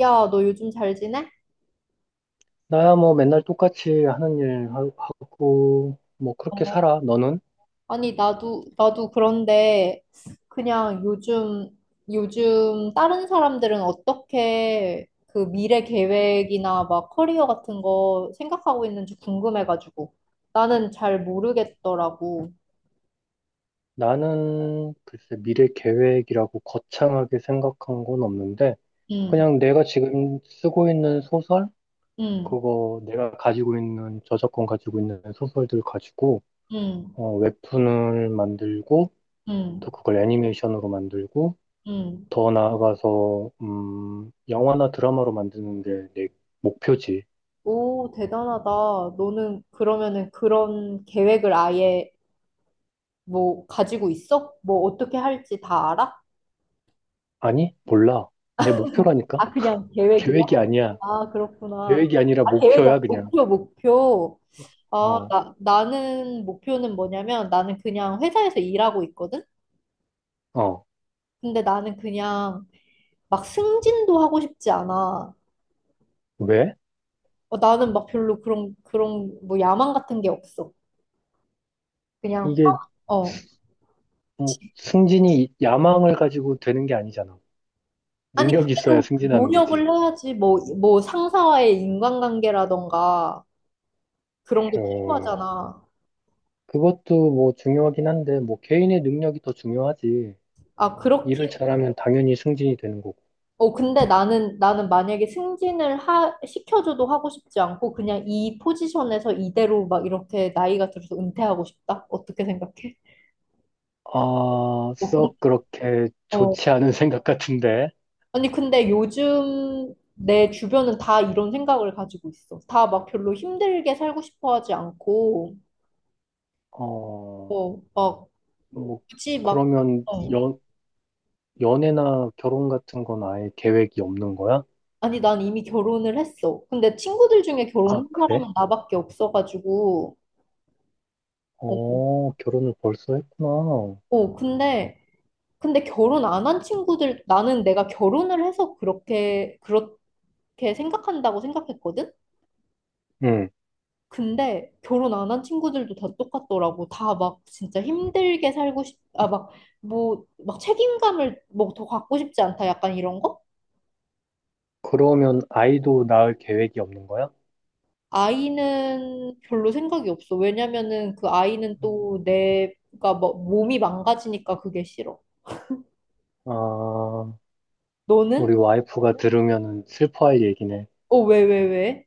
야, 너 요즘 잘 지내? 나야 뭐 맨날 똑같이 하는 일 하고, 뭐 그렇게 어, 살아, 너는? 아니, 나도 그런데 그냥 요즘 다른 사람들은 어떻게 그 미래 계획이나 막 커리어 같은 거 생각하고 있는지 궁금해가지고. 나는 잘 모르겠더라고. 나는 글쎄 미래 계획이라고 거창하게 생각한 건 없는데, 응, 그냥 내가 지금 쓰고 있는 소설? 응, 그거 내가 가지고 있는, 저작권 가지고 있는 소설들 가지고, 응, 어, 웹툰을 만들고, 또 응, 그걸 애니메이션으로 만들고, 응. 더 나아가서, 영화나 드라마로 만드는 게 내 목표지. 오, 대단하다. 너는 그러면은 그런 계획을 아예 뭐 가지고 있어? 뭐 어떻게 할지 다 알아? 아니? 몰라. 내 목표라니까? 아, 그냥 계획이야? 계획이 아니야. 아, 그렇구나. 계획이 아니라 아, 계획이 아니라 목표야, 그냥. 목표, 목표. 아, 어, 나는 목표는 뭐냐면 나는 그냥 회사에서 일하고 있거든? 어. 근데 나는 그냥 막 승진도 하고 싶지 않아. 왜? 어, 나는 막 별로 그런 뭐 야망 같은 게 없어. 그냥, 이게 어. 뭐 승진이 야망을 가지고 되는 게 아니잖아. 아니, 능력이 있어야 그래도 승진하는 거지. 노력을 해야지. 뭐 상사와의 인간관계라던가 그런 게 어, 필요하잖아. 그것도 뭐 중요하긴 한데, 뭐 개인의 능력이 더 중요하지. 아, 그렇, 일을 잘하면 당연히 승진이 되는 거고. 어, 근데 나는 만약에 시켜줘도 하고 싶지 않고, 그냥 이 포지션에서 이대로 막 이렇게 나이가 들어서 은퇴하고 싶다? 어떻게 생각해? 아, 어, 공- 썩 그렇게 어. 좋지 않은 생각 같은데. 아니, 근데 요즘 내 주변은 다 이런 생각을 가지고 있어. 다 막 별로 힘들게 살고 싶어 하지 않고, 어, 어, 막, 뭐, 굳이 막, 그러면 어. 연애나 결혼 같은 건 아예 계획이 없는 거야? 아니, 난 이미 결혼을 했어. 근데 친구들 중에 아, 결혼한 그래? 사람은 나밖에 없어가지고, 어, 어, 결혼을 벌써 했구나. 어, 근데 결혼 안 한 친구들, 나는 내가 결혼을 해서 그렇게 생각한다고 생각했거든? 응. 근데 결혼 안 한 친구들도 다 똑같더라고. 다 막 진짜 힘들게 살고 싶, 아, 막, 뭐, 막 책임감을 뭐 더 갖고 싶지 않다. 약간 이런 거? 그러면 아이도 낳을 계획이 없는 거야? 아이는 별로 생각이 없어. 왜냐면은 그 아이는 음. 또 내가 뭐 몸이 망가지니까 그게 싫어. 아, 너는? 우리 와이프가 들으면은 슬퍼할 얘기네. 어, 왜?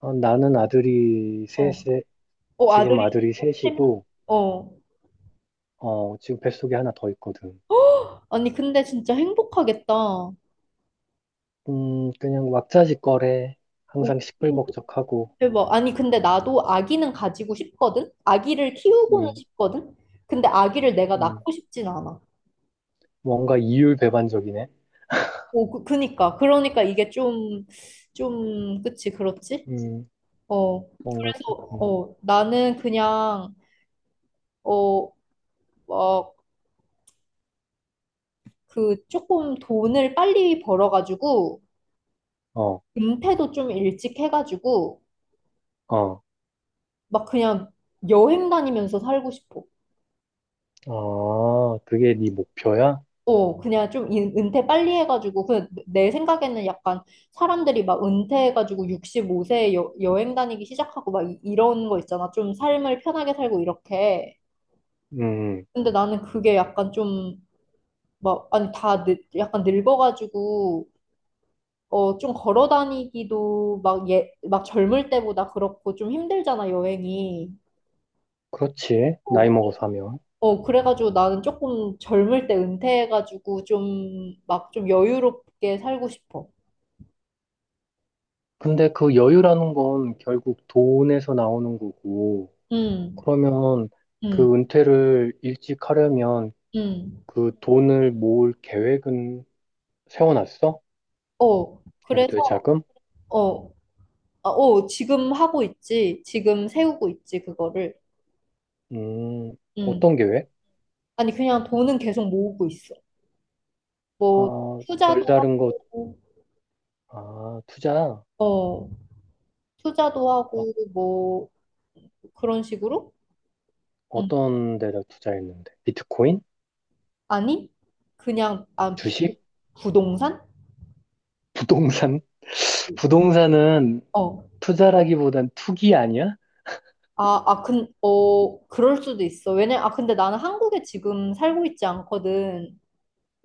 아, 나는 아들이 어, 셋에, 어, 지금 아들이 아들이 세 명? 셋이고, 어. 어, 지금 뱃속에 하나 더 있거든. 아니, 근데 진짜 행복하겠다. 그냥 왁자지껄해. 오, 항상 시끌벅적하고, 대박. 아니, 근데 나도 아기는 가지고 싶거든? 아기를 키우고는 음, 싶거든? 근데 아기를 내가 음, 낳고 싶진 않아. 뭔가 이율배반적이네. 오, 그니까. 그러니까 이게 좀, 좀, 그치, 그렇지? 음, 어. 뭔가 그래서, 조금, 어, 나는 그냥, 어, 막, 그, 조금 돈을 빨리 벌어가지고, 어, 은퇴도 좀 일찍 해가지고, 어, 막 그냥 여행 다니면서 살고 싶어. 아, 그게 네 목표야? 어, 은퇴 빨리 해가지고, 그, 내 생각에는 약간 사람들이 막 은퇴해가지고 65세에 여행 다니기 시작하고 이런 거 있잖아. 좀 삶을 편하게 살고 이렇게. 음, 근데 나는 그게 약간 좀, 막, 아니, 약간 늙어가지고, 어, 좀 걸어 다니기도 막 젊을 때보다 그렇고 좀 힘들잖아, 여행이. 그렇지. 나이 어, 먹어서 하면. 어, 그래가지고 나는 조금 젊을 때 은퇴해가지고 좀, 막 좀 여유롭게 살고 싶어. 근데 그 여유라는 건 결국 돈에서 나오는 거고, 음. 그러면 그 음. 은퇴를 일찍 하려면 음. 그 돈을 모을 계획은 세워놨어? 어, 그래서, 은퇴 자금? 어, 어, 지금 하고 있지. 지금 세우고 있지, 그거를. 음, 음. 어떤 계획? 아니, 그냥 돈은 계속 모으고 있어. 뭐, 아, 투자도 별다른 것, 하고, 아, 투자? 어, 투자도 어, 하고, 뭐, 그런 식으로? 음. 어떤 데다 투자했는데? 비트코인? 아니, 그냥, 아, 부, 주식? 부동산? 부동산? 부동산은 어. 투자라기보단 투기 아니야? 어, 그럴 수도 있어. 아, 근데 나는 한국에 지금 살고 있지 않거든.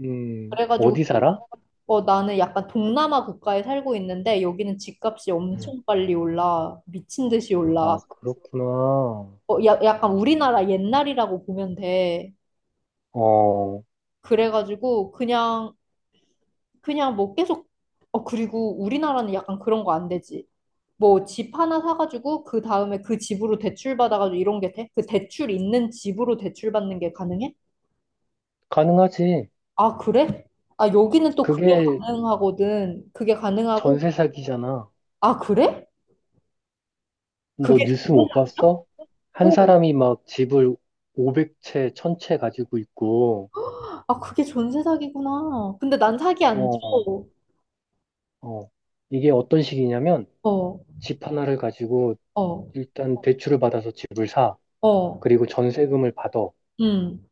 그래가지고 어디 살아? 어, 나는 약간 동남아 국가에 살고 있는데 여기는 집값이 음, 엄청 빨리 올라. 미친 듯이 아, 올라. 그렇구나. 어, 약간 우리나라 옛날이라고 보면 돼. 어, 그래가지고 그냥 그냥 뭐 계속 어 그리고 우리나라는 약간 그런 거 안 되지. 뭐 집 하나 사가지고 그 다음에 그 집으로 대출 받아가지고 이런 게 돼? 그 대출 있는 집으로 대출 받는 게 가능해? 가능하지. 아 그래? 아 여기는 또 그게 그게 가능하거든. 그게 가능하고 전세 사기잖아. 아 그래? 너 그게 뉴스 못 봤어? 한 가능하고 사람이 막 집을 500채, 1000채 가지고 있고, 아, 그게 전세 사기구나. 근데 난 사기 안 줘. 어, 어. 이게 어떤 식이냐면, 어, 집 하나를 가지고 어, 일단 대출을 받아서 집을 사. 어, 그리고 전세금을 받아. 음,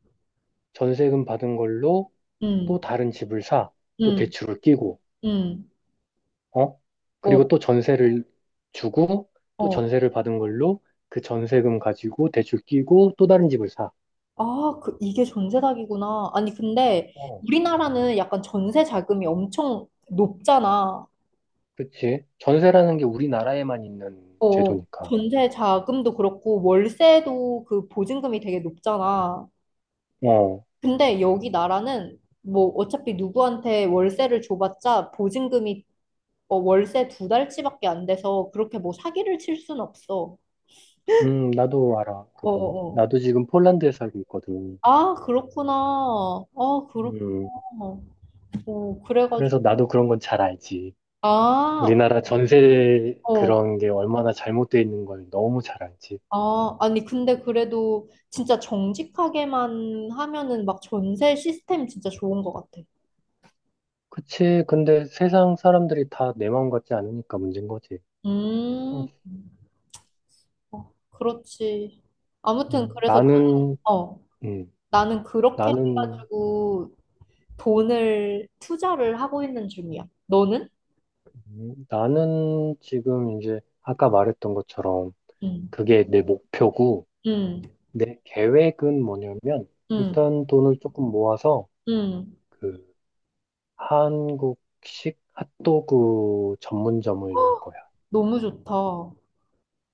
전세금 받은 걸로 또 음, 다른 집을 사. 또 음, 대출을 끼고. 음, 어? 그리고 어, 또 전세를 주고 또 어. 전세를 받은 걸로 그 전세금 가지고 대출 끼고 또 다른 집을 사. 아, 그, 이게 전세 사기구나. 아니, 근데 어. 우리나라는 약간 전세 자금이 엄청 높잖아. 그치? 전세라는 게 우리나라에만 있는 어, 제도니까. 전세 자금도 그렇고, 월세도 그 보증금이 되게 높잖아. 어. 근데 여기 나라는 뭐 어차피 누구한테 월세를 줘봤자 보증금이 어, 월세 두 달치밖에 안 돼서 그렇게 뭐 사기를 칠 순 없어. 나도 알아, 어, 그거. 어. 나도 지금 폴란드에 살고 있거든. 아, 그렇구나. 아, 그렇구나. 음, 오, 그래가지고. 그래서 나도 그런 건 잘 알지. 아, 우리나라 전세 어. 그런 게 얼마나 잘못돼 있는 걸 너무 잘 알지. 아, 아니, 근데 그래도 진짜 정직하게만 하면은 막 전세 시스템 진짜 좋은 것 같아. 그치. 근데 세상 사람들이 다 내 마음 같지 않으니까 문제인 거지. 음, 어, 그렇지. 아무튼, 음, 그래서, 나는, 어, 음, 나는 그렇게 나는, 해가지고 돈을 투자를 하고 있는 중이야. 너는? 나는 지금 이제 아까 말했던 것처럼 응, 그게 내 목표고 응, 내 계획은 뭐냐면 응, 일단 돈을 조금 모아서 응. 그 한국식 핫도그 전문점을 열 거야. 너무 좋다. 어.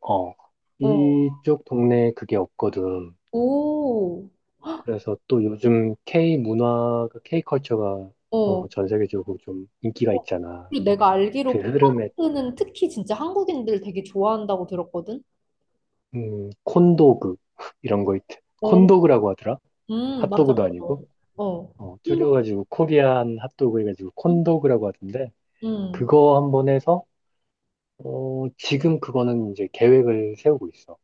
어, 이쪽 동네에 그게 없거든. 오. 그래서 또 요즘 K 문화가, K 컬처가 어. 어, 전 세계적으로 좀 인기가 어. 있잖아. 그리고 내가 그 알기로 흐름에, 포크는 특히 진짜 한국인들 되게 좋아한다고 들었거든. 콘도그, 이런 거 있, 어. 콘도그라고 하더라. 맞아, 핫도그도 맞아. 아니고, 어. 어, 행복. 줄여가지고 코리안 핫도그 해가지고 콘도그라고 하던데, 음. 그거 한번 해서, 어, 지금 그거는 이제 계획을 세우고 있어.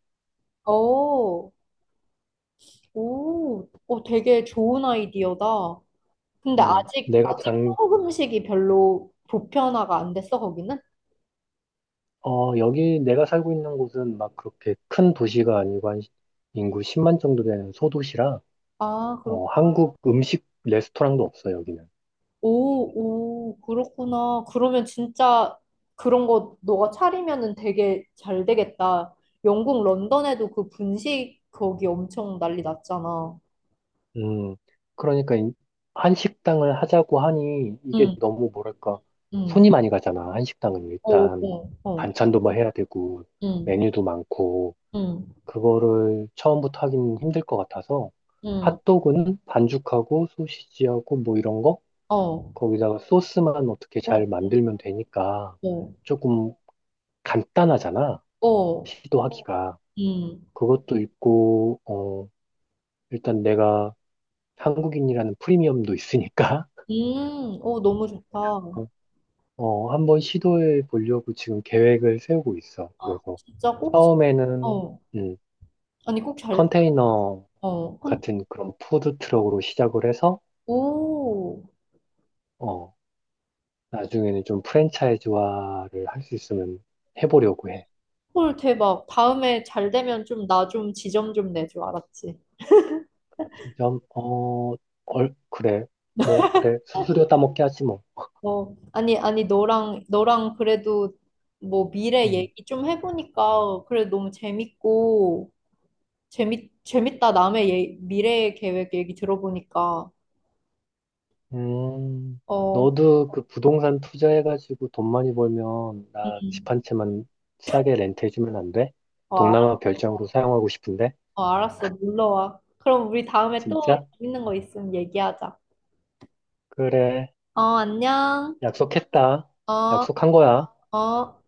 어. 오. 어, 되게 좋은 아이디어다. 근데 음, 아직 내가 아직 장, 한국 음식이 별로 보편화가 안 됐어, 거기는? 어, 여기 내가 살고 있는 곳은 막 그렇게 큰 도시가 아니고 인구 10만 정도 되는 소도시라, 아, 어, 그렇구나. 한국 음식 레스토랑도 없어, 여기는. 오, 오, 그렇구나. 그러면 진짜 그런 거 너가 차리면은 되게 잘 되겠다. 영국 런던에도 그 분식 거기 엄청 난리 났잖아. 음, 그러니까 한식당을 하자고 하니 이게 응, 너무 뭐랄까 응. 손이 많이 가잖아. 한식당은 어, 일단 어, 어. 반찬도 뭐 해야 되고 응, 메뉴도 많고 응, 그거를 처음부터 하긴 힘들 것 같아서 응. 응. 핫도그는 반죽하고 소시지하고 뭐 이런 거 어, 거기다가 소스만 어떻게 잘 어, 만들면 되니까 어, 조금 간단하잖아. 어. 시도하기가 응, 그것도 있고 어 일단 내가 한국인이라는 프리미엄도 있으니까. 어, 너무 좋다. 어, 한번 시도해 보려고 지금 계획을 세우고 있어. 아, 그래서 진짜 꼭, 처음에는 어. 음, 아니, 꼭 잘, 컨테이너 어. 혼- 같은 그런 푸드 트럭으로 시작을 해서 오. 어, 나중에는 좀 프랜차이즈화를 할 수 있으면 해보려고 해. 헐, 대박. 다음에 잘 되면 좀 나 좀 지점 좀 내줘, 알았지? 지점 어, 얼, 그래. 뭐 그래. 수수료 따먹게 하지 뭐. 어, 아니, 아니, 너랑 그래도 뭐 미래 음. 얘기 좀 해보니까 그래 너무 재밌고, 재밌다. 남의 미래 계획 얘기 들어보니까. 음, 어, 너도 그 부동산 투자해가지고 돈 많이 벌면 음, 나 집 음. 한 채만 싸게 렌트해주면 안 돼? 어, 알- 동남아 별장으로 사용하고 싶은데. 어, 알았어. 놀러 와. 그럼 우리 다음에 또 진짜? 재밌는 거 있으면 얘기하자. 그래. 어, 안녕. 약속했다. 어, 약속한 거야. 어.